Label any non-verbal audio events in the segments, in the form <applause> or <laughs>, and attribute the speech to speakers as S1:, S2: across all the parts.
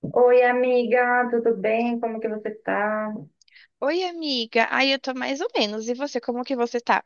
S1: Oi, amiga, tudo bem? Como que você tá?
S2: Oi, amiga. Ai, eu tô mais ou menos. E você, como que você tá?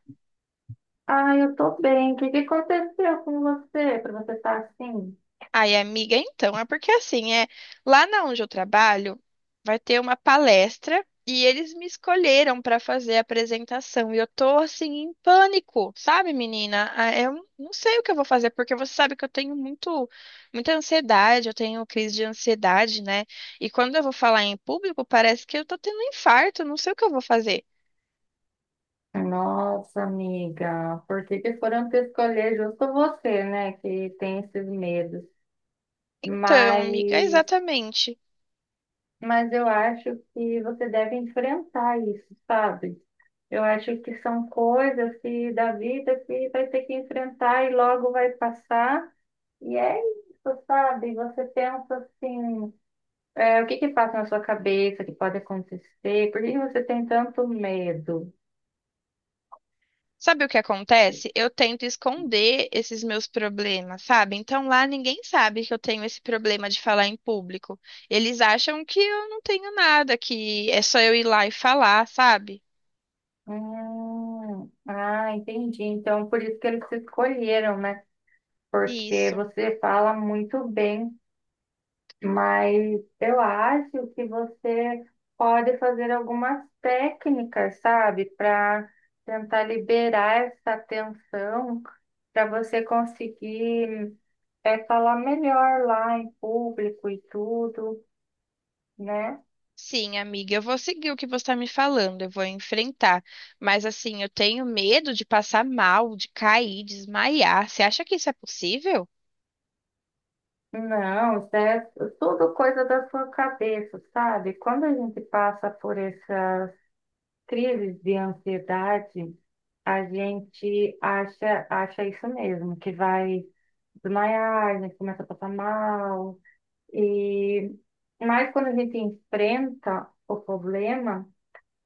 S1: Ah, eu tô bem. O que que aconteceu com você para você estar assim?
S2: Ai, amiga, então, é porque assim, é, lá na onde eu trabalho, vai ter uma palestra e eles me escolheram pra fazer a apresentação e eu tô assim em pânico, sabe, menina? Ah, eu não sei o que eu vou fazer porque você sabe que eu tenho muito muita ansiedade, eu tenho crise de ansiedade, né? E quando eu vou falar em público, parece que eu tô tendo um infarto, eu não sei o que eu vou fazer.
S1: Nossa, amiga, por que que foram te escolher justo você, né, que tem esses medos?
S2: Então,
S1: Mas,
S2: amiga, é exatamente.
S1: mas eu acho que você deve enfrentar isso, sabe? Eu acho que são coisas que, da vida que vai ter que enfrentar e logo vai passar. E é isso, sabe? Você pensa assim. É, o que que passa na sua cabeça que pode acontecer? Por que que você tem tanto medo?
S2: Sabe o que acontece? Eu tento esconder esses meus problemas, sabe? Então lá ninguém sabe que eu tenho esse problema de falar em público. Eles acham que eu não tenho nada, que é só eu ir lá e falar, sabe?
S1: Ah, entendi. Então, por isso que eles te escolheram, né? Porque
S2: Isso.
S1: você fala muito bem, mas eu acho que você pode fazer algumas técnicas, sabe? Para tentar liberar essa tensão, para você conseguir. É falar melhor lá em público e tudo, né?
S2: Sim, amiga, eu vou seguir o que você está me falando, eu vou enfrentar. Mas assim, eu tenho medo de passar mal, de cair, de desmaiar. Você acha que isso é possível?
S1: Não, isso é tudo coisa da sua cabeça, sabe? Quando a gente passa por essa crise de ansiedade, a gente acha isso mesmo, que vai desmaiar, a gente começa a passar mal. E... Mas quando a gente enfrenta o problema,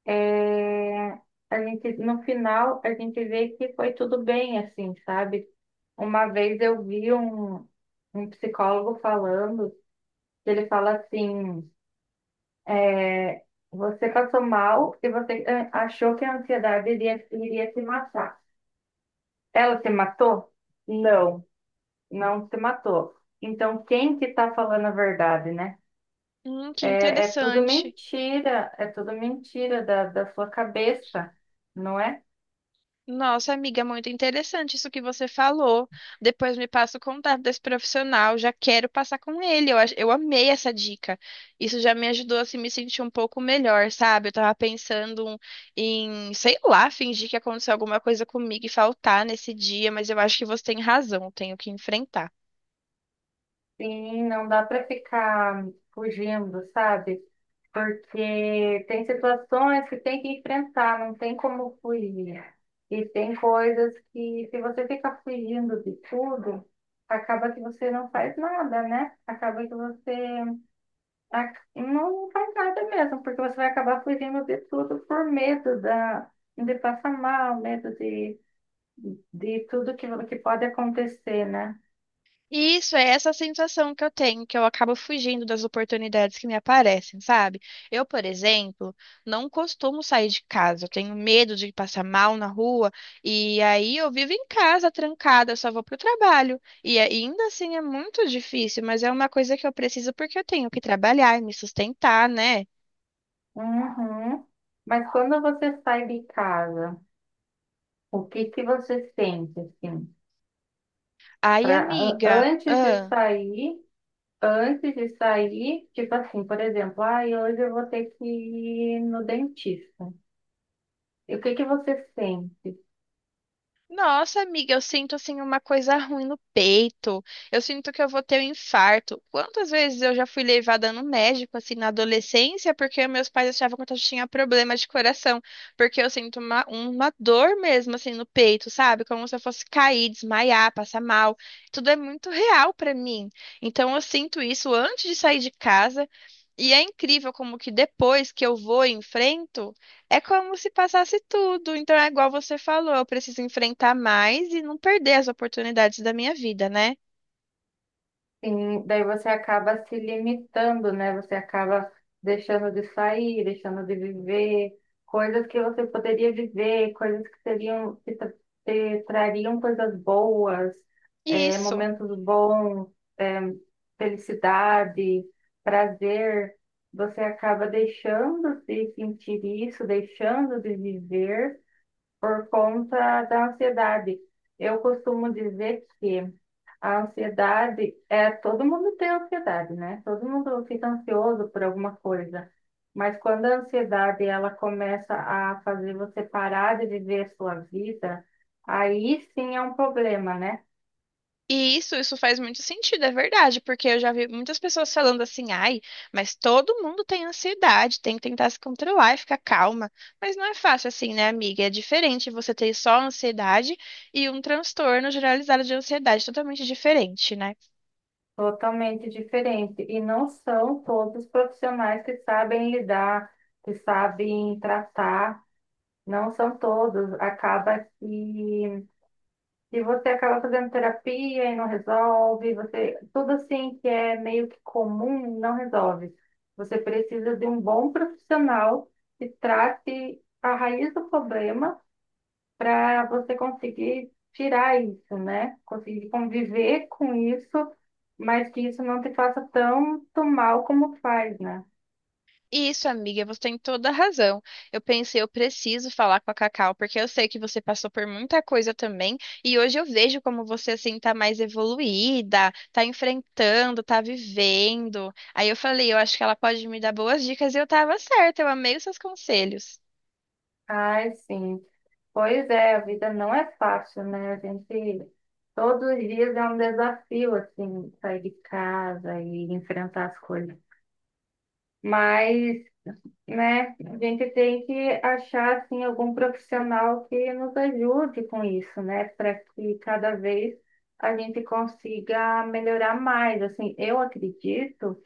S1: é... a gente, no final, a gente vê que foi tudo bem, assim, sabe? Uma vez eu vi um psicólogo falando, que ele fala assim, é você passou mal e você achou que a ansiedade iria se matar. Ela se matou? Não, não se matou. Então, quem que está falando a verdade, né?
S2: Que
S1: É,
S2: interessante.
S1: é tudo mentira da sua cabeça, não é?
S2: Nossa, amiga, é muito interessante isso que você falou. Depois me passa o contato desse profissional, já quero passar com ele. Eu amei essa dica. Isso já me ajudou a assim, me sentir um pouco melhor, sabe? Eu tava pensando em, sei lá, fingir que aconteceu alguma coisa comigo e faltar nesse dia, mas eu acho que você tem razão, eu tenho que enfrentar.
S1: Sim, não dá para ficar fugindo, sabe? Porque tem situações que tem que enfrentar, não tem como fugir. E tem coisas que, se você ficar fugindo de tudo, acaba que você não faz nada, né? Acaba que você não faz nada mesmo, porque você vai acabar fugindo de tudo por medo da, de passar mal, medo de tudo que pode acontecer, né?
S2: Isso é essa sensação que eu tenho, que eu acabo fugindo das oportunidades que me aparecem, sabe? Eu, por exemplo, não costumo sair de casa, eu tenho medo de passar mal na rua, e aí eu vivo em casa trancada, eu só vou pro trabalho. E ainda assim é muito difícil, mas é uma coisa que eu preciso porque eu tenho que trabalhar e me sustentar, né?
S1: Uhum. Mas quando você sai de casa, o que que você sente assim?
S2: Ai,
S1: Pra, an-
S2: amiga,
S1: antes de sair, antes de sair, tipo assim, por exemplo, ah, hoje eu vou ter que ir no dentista. E o que que você sente?
S2: Nossa, amiga, eu sinto assim uma coisa ruim no peito. Eu sinto que eu vou ter um infarto. Quantas vezes eu já fui levada no médico assim na adolescência porque meus pais achavam que eu tinha problema de coração, porque eu sinto uma dor mesmo assim no peito, sabe? Como se eu fosse cair, desmaiar, passar mal. Tudo é muito real pra mim. Então eu sinto isso antes de sair de casa. E é incrível como que depois que eu vou e enfrento é como se passasse tudo. Então é igual você falou, eu preciso enfrentar mais e não perder as oportunidades da minha vida, né?
S1: Sim, daí você acaba se limitando, né? Você acaba deixando de sair, deixando de viver coisas que você poderia viver, coisas que seriam, te trariam coisas boas,
S2: Isso.
S1: momentos bons, eh, felicidade, prazer. Você acaba deixando de sentir isso, deixando de viver por conta da ansiedade. Eu costumo dizer que a ansiedade é todo mundo tem ansiedade, né? Todo mundo fica ansioso por alguma coisa. Mas quando a ansiedade ela começa a fazer você parar de viver a sua vida, aí sim é um problema, né?
S2: E isso faz muito sentido, é verdade, porque eu já vi muitas pessoas falando assim, ai, mas todo mundo tem ansiedade, tem que tentar se controlar e ficar calma. Mas não é fácil assim, né, amiga? É diferente você ter só ansiedade e um transtorno generalizado de ansiedade, totalmente diferente, né?
S1: Totalmente diferente. E não são todos os profissionais que sabem lidar, que sabem tratar, não são todos. Acaba que E você acaba fazendo terapia e não resolve, você, tudo assim que é meio que comum não resolve. Você precisa de um bom profissional que trate a raiz do problema para você conseguir tirar isso, né? Conseguir conviver com isso, mas que isso não te faça tanto mal como faz, né?
S2: Isso, amiga, você tem toda a razão. Eu pensei, eu preciso falar com a Cacau, porque eu sei que você passou por muita coisa também, e hoje eu vejo como você assim tá mais evoluída, tá enfrentando, tá vivendo. Aí eu falei, eu acho que ela pode me dar boas dicas e eu tava certa, eu amei os seus conselhos.
S1: Ai, sim. Pois é, a vida não é fácil, né? A gente, todos os dias é um desafio, assim, sair de casa e enfrentar as coisas. Mas, né, a gente tem que achar, assim, algum profissional que nos ajude com isso, né? Para que cada vez a gente consiga melhorar mais. Assim, eu acredito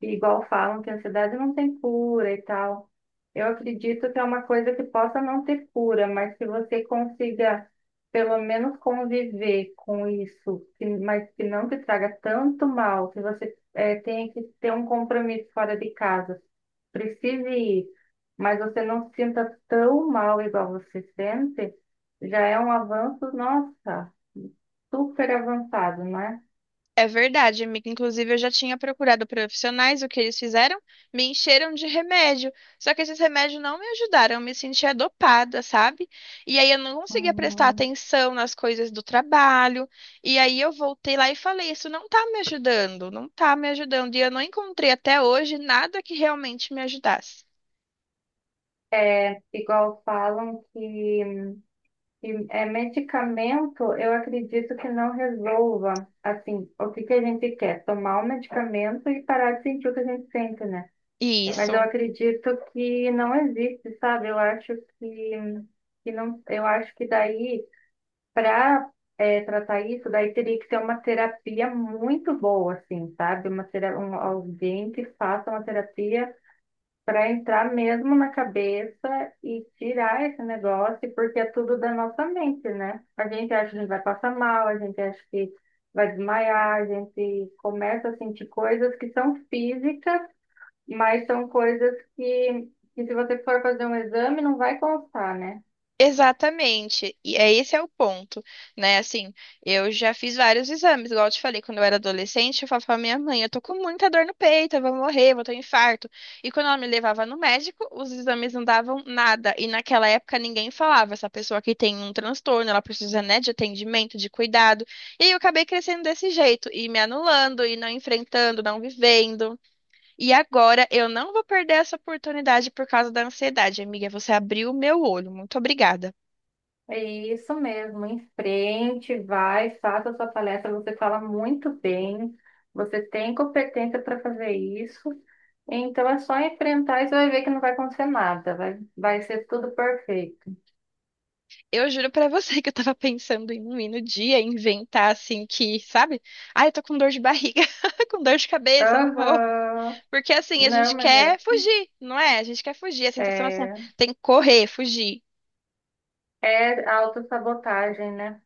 S1: e igual falam que a ansiedade não tem cura e tal. Eu acredito que é uma coisa que possa não ter cura, mas que você consiga pelo menos conviver com isso, que- mas que não te traga tanto mal, que você tenha que ter um compromisso fora de casa, precise ir, mas você não se sinta tão mal igual você sente, já é um avanço, nossa, super avançado, não é?
S2: É verdade, amiga. Inclusive, eu já tinha procurado profissionais, o que eles fizeram? Me encheram de remédio. Só que esses remédios não me ajudaram, eu me sentia dopada, sabe? E aí eu não conseguia prestar
S1: Uhum.
S2: atenção nas coisas do trabalho. E aí eu voltei lá e falei: isso não tá me ajudando, não tá me ajudando. E eu não encontrei até hoje nada que realmente me ajudasse.
S1: É, igual falam que E, é, medicamento, eu acredito que não resolva, assim, o que que a gente quer, tomar o medicamento e parar de sentir o que a gente sente, né? Mas eu
S2: Isso.
S1: acredito que não existe, sabe? Eu acho que, que não, eu acho que daí, para tratar isso, daí teria que ter uma terapia muito boa, assim, sabe? Alguém que faça uma terapia para entrar mesmo na cabeça e tirar esse negócio, porque é tudo da nossa mente, né? A gente acha que vai passar mal, a gente acha que vai desmaiar, a gente começa a sentir coisas que são físicas, mas são coisas que se você for fazer um exame, não vai constar, né?
S2: Exatamente, e esse é o ponto, né? Assim, eu já fiz vários exames, igual eu te falei, quando eu era adolescente, eu falava pra minha mãe, eu tô com muita dor no peito, eu vou morrer, vou ter um infarto. E quando ela me levava no médico, os exames não davam nada. E naquela época ninguém falava, essa pessoa que tem um transtorno, ela precisa, né, de atendimento, de cuidado. E aí eu acabei crescendo desse jeito, e me anulando, e não enfrentando, não vivendo. E agora eu não vou perder essa oportunidade por causa da ansiedade, amiga. Você abriu o meu olho. Muito obrigada.
S1: É isso mesmo, em frente, vai, faça a sua palestra, você fala muito bem, você tem competência para fazer isso. Então é só enfrentar e você vai ver que não vai acontecer nada, vai, vai ser tudo perfeito.
S2: Eu juro pra você que eu tava pensando em um ir no dia, inventar assim que, sabe? Ah, eu tô com dor de barriga, <laughs> com dor de cabeça, não vou.
S1: Aham.
S2: Porque assim, a
S1: Não,
S2: gente
S1: mas é,
S2: quer fugir, não é? A gente quer fugir, a sensação é assim, ó,
S1: é,
S2: tem que correr, fugir.
S1: é autossabotagem, né?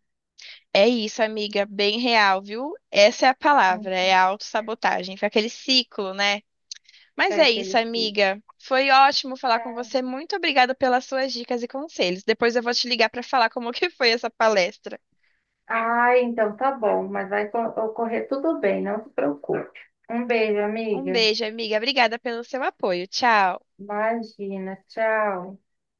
S2: É isso, amiga, bem real, viu? Essa é a palavra, é a autossabotagem, foi aquele ciclo, né? Mas
S1: É
S2: é
S1: que
S2: isso,
S1: eles dizem.
S2: amiga. Foi ótimo falar com você. Muito obrigada pelas suas dicas e conselhos. Depois eu vou te ligar pra falar como <laughs> que foi essa palestra.
S1: Ah, então tá bom, mas ocorrer tudo bem, não se preocupe. Um beijo,
S2: Um
S1: amiga.
S2: beijo, amiga. Obrigada pelo seu apoio. Tchau.
S1: Imagina, tchau.